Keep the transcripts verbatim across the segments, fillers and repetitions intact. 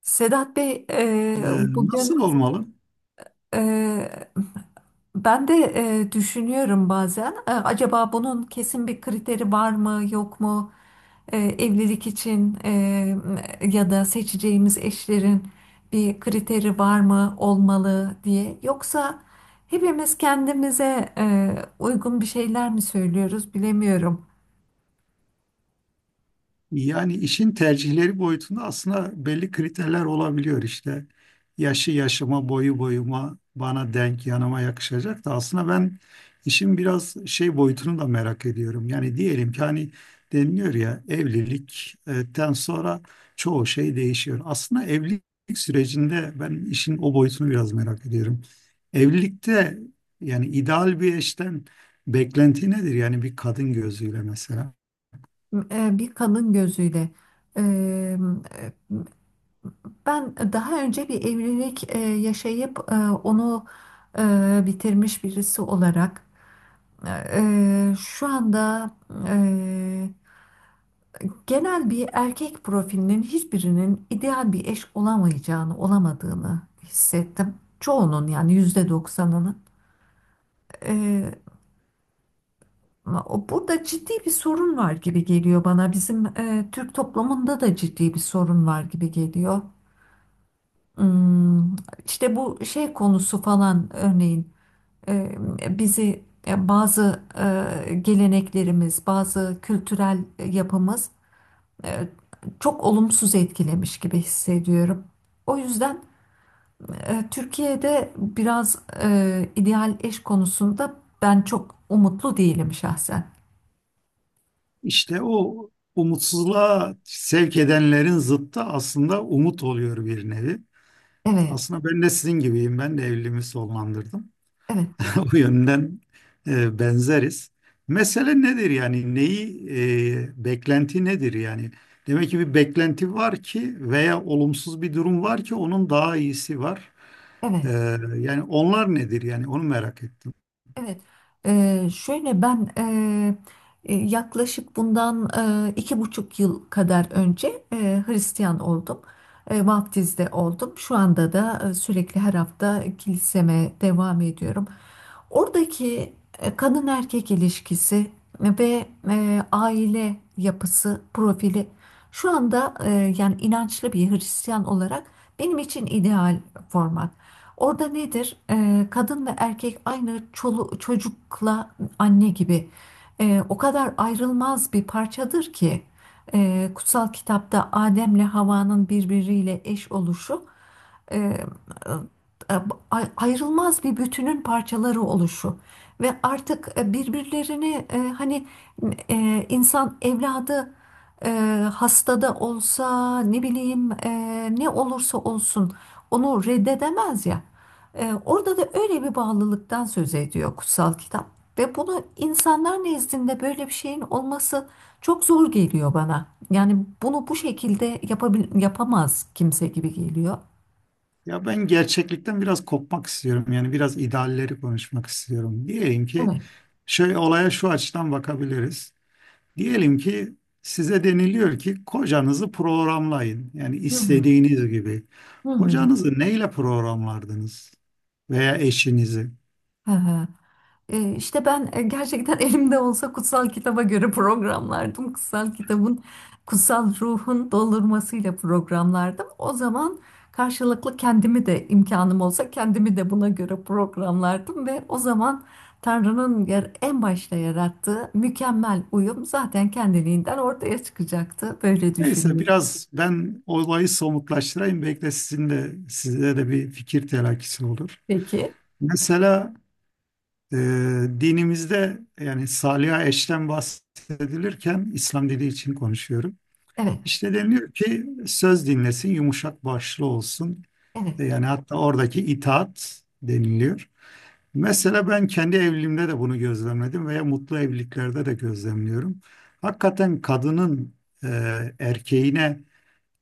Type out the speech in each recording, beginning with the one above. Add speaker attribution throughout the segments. Speaker 1: Sedat Bey, e,
Speaker 2: Ee,
Speaker 1: bugün
Speaker 2: Nasıl olmalı?
Speaker 1: e, ben de e, düşünüyorum bazen. E, acaba bunun kesin bir kriteri var mı, yok mu? E, evlilik için, e, ya da seçeceğimiz eşlerin bir kriteri var mı, olmalı diye. Yoksa hepimiz kendimize e, uygun bir şeyler mi söylüyoruz, bilemiyorum.
Speaker 2: Yani işin tercihleri boyutunda aslında belli kriterler olabiliyor işte. Yaşı yaşıma, boyu boyuma, bana denk, yanıma yakışacak da aslında ben işin biraz şey boyutunu da merak ediyorum. Yani diyelim ki hani deniliyor ya evlilikten sonra çoğu şey değişiyor. Aslında evlilik sürecinde ben işin o boyutunu biraz merak ediyorum. Evlilikte yani ideal bir eşten beklenti nedir? Yani bir kadın gözüyle mesela.
Speaker 1: E, bir kadın gözüyle. E, Ben daha önce bir evlilik e, yaşayıp e, onu e, bitirmiş birisi olarak e, e, şu anda, e, genel bir erkek profilinin hiçbirinin ideal bir eş olamayacağını, olamadığını hissettim. Çoğunun, yani yüzde doksanının. E, o- Burada ciddi bir sorun var gibi geliyor bana. Bizim e, Türk toplumunda da ciddi bir sorun var gibi geliyor. Hmm, işte bu şey konusu falan örneğin. E, bizi e, bazı e, geleneklerimiz, bazı kültürel yapımız e, çok olumsuz etkilemiş gibi hissediyorum. O yüzden e, Türkiye'de biraz e, ideal eş konusunda ben çok umutlu değilim şahsen.
Speaker 2: İşte o umutsuzluğa sevk edenlerin zıttı aslında umut oluyor bir nevi.
Speaker 1: Evet,
Speaker 2: Aslında ben de sizin gibiyim. Ben de evliliğimi sonlandırdım.
Speaker 1: evet,
Speaker 2: O yönden e, benzeriz. Mesele nedir yani? Neyi, e, beklenti nedir yani? Demek ki bir beklenti var ki veya olumsuz bir durum var ki onun daha iyisi var. E,
Speaker 1: evet.
Speaker 2: yani onlar nedir yani? Onu merak ettim.
Speaker 1: Evet, eee, şöyle ben, eee, e, yaklaşık bundan eee, iki buçuk yıl kadar önce eee, Hristiyan oldum. Eee, vaftizde oldum. Şu anda da eee, sürekli her hafta kiliseme devam ediyorum. Oradaki e, kadın erkek ilişkisi ve e, aile yapısı, profili şu anda, e, yani inançlı bir Hristiyan olarak benim için ideal format. Orada nedir? Ee, kadın ve erkek aynı çolu- çocukla anne gibi. Ee, o kadar ayrılmaz bir parçadır ki e, kutsal kitapta Adem'le Havva'nın birbiriyle eş oluşu, e, e, ay- ayrılmaz bir bütünün parçaları oluşu ve artık e, birbirlerini, e, hani e, insan evladı e, hastada olsa, ne bileyim, e, ne olursa olsun onu reddedemez ya. E, orada da öyle bir bağlılıktan söz ediyor kutsal kitap ve bunu insanlar nezdinde böyle bir şeyin olması çok zor geliyor bana. Yani bunu bu şekilde yapabil yapamaz kimse gibi geliyor.
Speaker 2: Ya ben gerçeklikten biraz kopmak istiyorum. Yani biraz idealleri konuşmak istiyorum. Diyelim ki
Speaker 1: Evet.
Speaker 2: şöyle olaya şu açıdan bakabiliriz. Diyelim ki size deniliyor ki kocanızı programlayın. Yani
Speaker 1: Hı hı,
Speaker 2: istediğiniz gibi.
Speaker 1: hı hı.
Speaker 2: Kocanızı neyle programlardınız veya eşinizi?
Speaker 1: Hı hı. E, işte ben e, gerçekten elimde olsa kutsal kitaba göre programlardım. Kutsal kitabın, kutsal ruhun doldurmasıyla programlardım. O zaman karşılıklı kendimi de, imkanım olsa kendimi de buna göre programlardım ve o zaman Tanrı'nın yer, en başta yarattığı mükemmel uyum zaten kendiliğinden ortaya çıkacaktı. Böyle
Speaker 2: Neyse
Speaker 1: düşünüyorum.
Speaker 2: biraz ben olayı somutlaştırayım. Belki de sizin de size de bir fikir telakkisi olur.
Speaker 1: Peki.
Speaker 2: Mesela e, dinimizde yani saliha eşten bahsedilirken İslam dili için konuşuyorum.
Speaker 1: Evet,
Speaker 2: İşte deniliyor ki söz dinlesin, yumuşak başlı olsun.
Speaker 1: evet.
Speaker 2: E, Yani hatta oradaki itaat deniliyor. Mesela ben kendi evliliğimde de bunu gözlemledim veya mutlu evliliklerde de gözlemliyorum. Hakikaten kadının e, erkeğine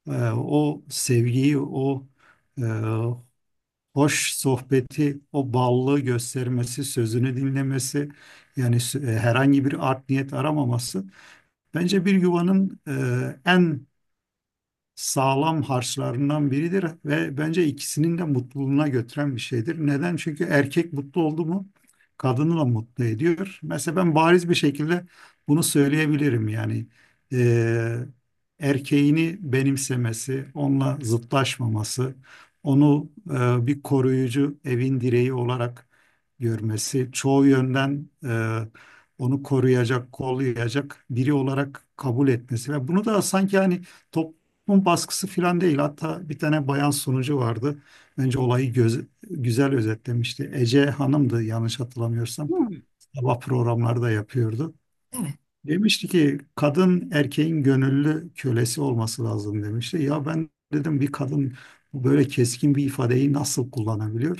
Speaker 2: e, o sevgiyi, o e, hoş sohbeti, o ballığı göstermesi, sözünü dinlemesi, yani sü- e, herhangi bir art niyet aramaması bence bir yuvanın e, en sağlam harçlarından biridir ve bence ikisinin de mutluluğuna götüren bir şeydir. Neden? Çünkü erkek mutlu oldu mu kadını da mutlu ediyor. Mesela ben bariz bir şekilde bunu söyleyebilirim yani. eee, Erkeğini benimsemesi, onunla zıtlaşmaması, onu eee, bir koruyucu evin direği olarak görmesi, çoğu yönden eee, onu koruyacak, kollayacak biri olarak kabul etmesi ve bunu da sanki hani toplum bunun baskısı falan değil. Hatta bir tane bayan sunucu vardı. Bence olayı göz, güzel özetlemişti. Ece Hanım'dı yanlış hatırlamıyorsam.
Speaker 1: Hmm.
Speaker 2: Sabah programları da yapıyordu.
Speaker 1: Evet.
Speaker 2: Demişti ki kadın erkeğin gönüllü kölesi olması lazım demişti. Ya ben dedim bir kadın böyle keskin bir ifadeyi nasıl kullanabiliyor?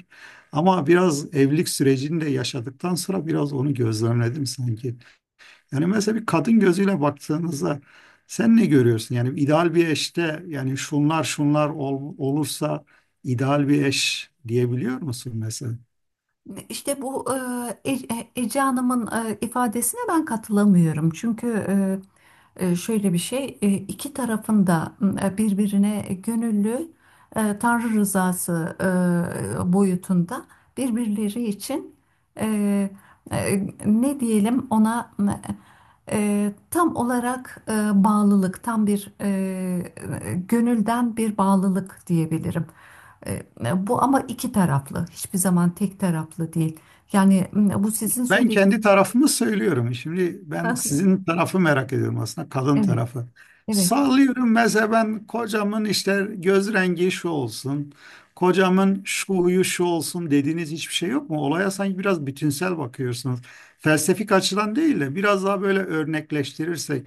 Speaker 2: Ama biraz evlilik sürecini de yaşadıktan sonra biraz onu gözlemledim sanki. Yani mesela bir kadın gözüyle baktığınızda sen ne görüyorsun? Yani ideal bir eşte yani şunlar şunlar ol- olursa ideal bir eş diyebiliyor musun mesela?
Speaker 1: İşte bu e, E- Ece Hanım'ın e, ifadesine ben katılamıyorum. Çünkü e, e, şöyle bir şey, e, iki tarafın da e, birbirine gönüllü, e, Tanrı rızası e, boyutunda birbirleri için, e, e, ne diyelim ona, e, tam olarak e, bağlılık, tam bir e, gönülden bir bağlılık diyebilirim. E, Bu ama iki taraflı, hiçbir zaman tek taraflı değil. Yani m, bu sizin
Speaker 2: Ben kendi
Speaker 1: söylediğiniz.
Speaker 2: tarafımı söylüyorum. Şimdi ben sizin tarafı merak ediyorum aslında kadın
Speaker 1: Evet,
Speaker 2: tarafı.
Speaker 1: evet.
Speaker 2: Sallıyorum mesela ben kocamın işte göz rengi şu olsun, kocamın şu huyu şu olsun dediğiniz hiçbir şey yok mu? Olaya sanki biraz bütünsel bakıyorsunuz. Felsefik açıdan değil de biraz daha böyle örnekleştirirsek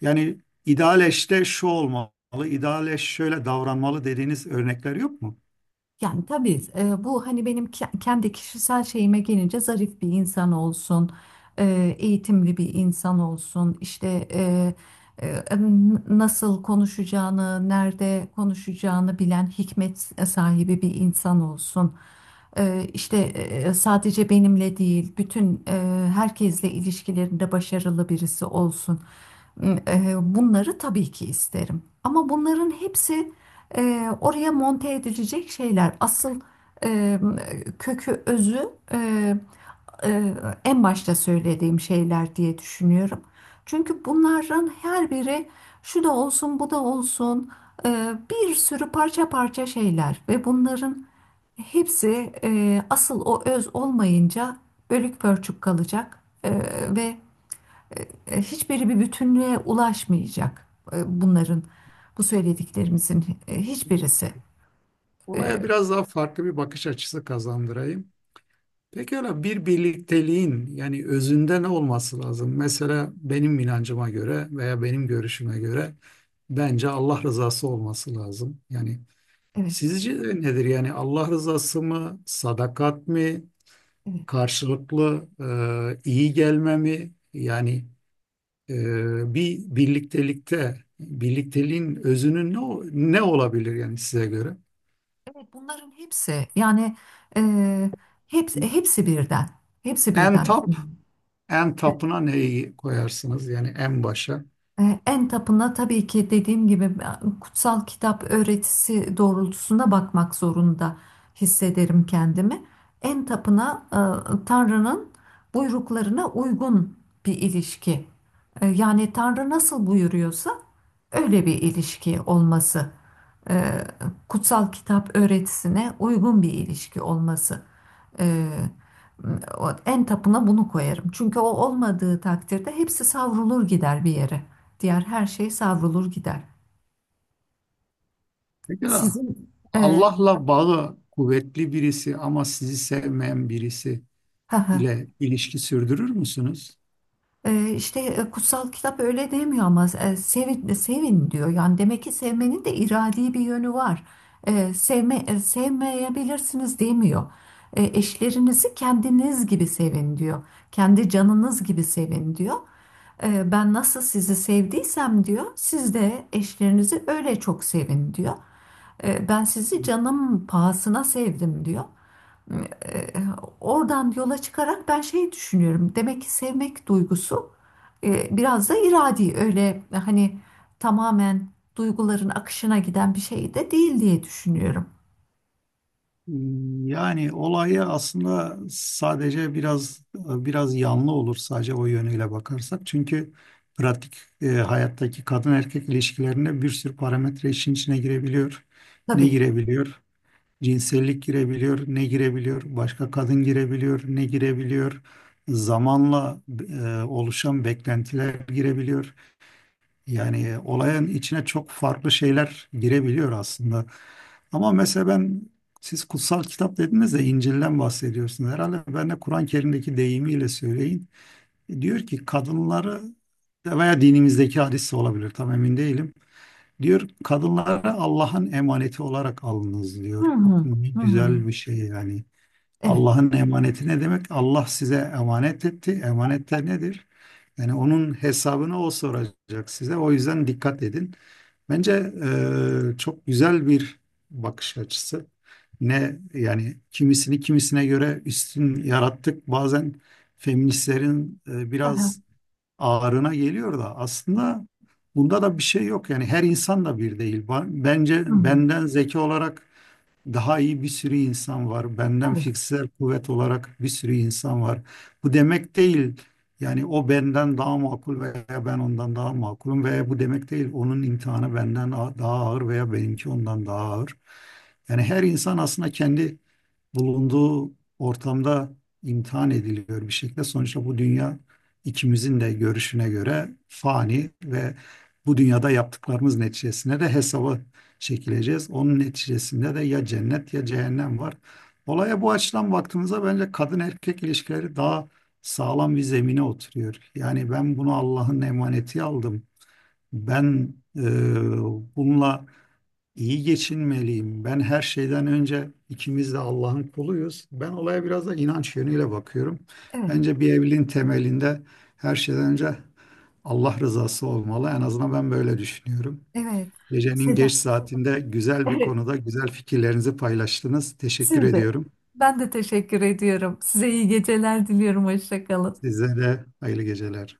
Speaker 2: yani ideal eşte şu olmalı, ideal eş şöyle davranmalı dediğiniz örnekler yok mu?
Speaker 1: Yani tabii, e, bu hani benim ke- kendi kişisel şeyime gelince, zarif bir insan olsun, e, eğitimli bir insan olsun, işte, e, e, n- nasıl konuşacağını, nerede konuşacağını bilen hikmet sahibi bir insan olsun. E, işte e, sadece benimle değil, bütün, e, herkesle ilişkilerinde başarılı birisi olsun. E, bunları tabii ki isterim. Ama bunların hepsi e, oraya monte edilecek şeyler. Asıl e, kökü, özü, e, e, en başta söylediğim şeyler diye düşünüyorum. Çünkü bunların her biri, şu da olsun, bu da olsun, e, bir sürü parça parça şeyler ve bunların hepsi, e, asıl o öz olmayınca bölük pörçük kalacak e, ve hiçbiri bir bütünlüğe ulaşmayacak, e, bunların, bu söylediklerimizin e, hiçbirisi. Ee,
Speaker 2: Olaya biraz daha farklı bir bakış açısı kazandırayım. Peki öyle bir birlikteliğin yani özünde ne olması lazım? Mesela benim inancıma göre veya benim görüşüme göre bence Allah rızası olması lazım. Yani
Speaker 1: evet,
Speaker 2: sizce de nedir? Yani Allah rızası mı, sadakat mı?
Speaker 1: evet.
Speaker 2: Karşılıklı e, iyi gelmemi yani e, bir birliktelikte birlikteliğin özünün ne, o- ne olabilir yani size göre?
Speaker 1: Evet, bunların hepsi, yani e, hepsi, hepsi birden. Hepsi
Speaker 2: En
Speaker 1: birden.
Speaker 2: top En tapına neyi koyarsınız yani en başa?
Speaker 1: E, En tapına tabii ki, dediğim gibi, e, kutsal kitap öğretisi doğrultusunda bakmak zorunda hissederim kendimi. En tapına e, Tanrı'nın buyruklarına uygun bir ilişki. E, Yani Tanrı nasıl buyuruyorsa öyle bir ilişki olması. E, Kutsal kitap öğretisine uygun bir ilişki olması. Ee, O en tapına bunu koyarım. Çünkü o olmadığı takdirde hepsi savrulur gider bir yere. Diğer her şey savrulur gider.
Speaker 2: Pekala.
Speaker 1: Sizin e,
Speaker 2: Allah'la bağı kuvvetli birisi ama sizi sevmeyen birisi
Speaker 1: ha ha,
Speaker 2: ile ilişki sürdürür müsünüz?
Speaker 1: e, işte e, kutsal kitap öyle demiyor ama e, sevin, e, sevin diyor. Yani demek ki sevmenin de iradi bir yönü var. E, sevme, e, sevmeyebilirsiniz demiyor. E, eşlerinizi kendiniz gibi sevin diyor. Kendi canınız gibi sevin diyor. Ee, Ben nasıl sizi sevdiysem diyor, siz de eşlerinizi öyle çok sevin diyor. Ee, Ben sizi canım pahasına sevdim diyor. Ee, Oradan yola çıkarak ben şey düşünüyorum. Demek ki sevmek duygusu e, biraz da iradi, öyle hani tamamen duyguların akışına giden bir şey de değil diye düşünüyorum.
Speaker 2: Yani olayı aslında sadece biraz biraz yanlı olur sadece o yönüyle bakarsak. Çünkü pratik e, hayattaki kadın erkek ilişkilerinde bir sürü parametre işin içine girebiliyor. Ne
Speaker 1: Tabii.
Speaker 2: girebiliyor? Cinsellik girebiliyor, ne girebiliyor? Başka kadın girebiliyor, ne girebiliyor? Zamanla e, oluşan beklentiler girebiliyor. Yani e, olayın içine çok farklı şeyler girebiliyor aslında. Ama mesela ben siz kutsal kitap dediniz de İncil'den bahsediyorsunuz. Herhalde ben de Kur'an-ı Kerim'deki deyimiyle söyleyin. Diyor ki kadınları veya dinimizdeki hadis de olabilir tam emin değilim. Diyor kadınları Allah'ın emaneti olarak alınız
Speaker 1: Hı
Speaker 2: diyor.
Speaker 1: hı.
Speaker 2: Bakın ne
Speaker 1: Hı hı.
Speaker 2: güzel bir şey yani.
Speaker 1: Evet.
Speaker 2: Allah'ın emaneti ne demek? Allah size emanet etti. Emanetler nedir? Yani onun hesabını o soracak size. O yüzden dikkat edin. Bence e, çok güzel bir bakış açısı. Ne yani kimisini kimisine göre üstün yarattık. Bazen feministlerin e,
Speaker 1: Hı hı.
Speaker 2: biraz ağrına geliyor da aslında bunda da bir şey yok. Yani her insan da bir değil. Ba-
Speaker 1: Hı
Speaker 2: Bence
Speaker 1: hı.
Speaker 2: benden zeki olarak daha iyi bir sürü insan var. Benden
Speaker 1: Tabii.
Speaker 2: fiziksel kuvvet olarak bir sürü insan var. Bu demek değil. Yani o benden daha makul veya ben ondan daha makulum veya bu demek değil. Onun imtihanı benden a- daha ağır veya benimki ondan daha ağır. Yani her insan aslında kendi bulunduğu ortamda imtihan ediliyor bir şekilde. Sonuçta bu dünya ikimizin de görüşüne göre fani ve bu dünyada yaptıklarımız neticesinde de hesaba çekileceğiz. Onun neticesinde de ya cennet ya cehennem var. Olaya bu açıdan baktığımızda bence kadın erkek ilişkileri daha sağlam bir zemine oturuyor. Yani ben bunu Allah'ın emaneti aldım. Ben e, bununla İyi geçinmeliyim. Ben her şeyden önce ikimiz de Allah'ın kuluyuz. Ben olaya biraz da inanç yönüyle bakıyorum.
Speaker 1: Evet.
Speaker 2: Bence bir evliliğin temelinde her şeyden önce Allah rızası olmalı. En azından ben böyle düşünüyorum.
Speaker 1: Evet.
Speaker 2: Gecenin geç
Speaker 1: Seda.
Speaker 2: saatinde güzel bir konuda güzel fikirlerinizi paylaştınız. Teşekkür
Speaker 1: Siz de.
Speaker 2: ediyorum.
Speaker 1: Ben de teşekkür ediyorum. Size iyi geceler diliyorum. Hoşça kalın.
Speaker 2: Size de hayırlı geceler.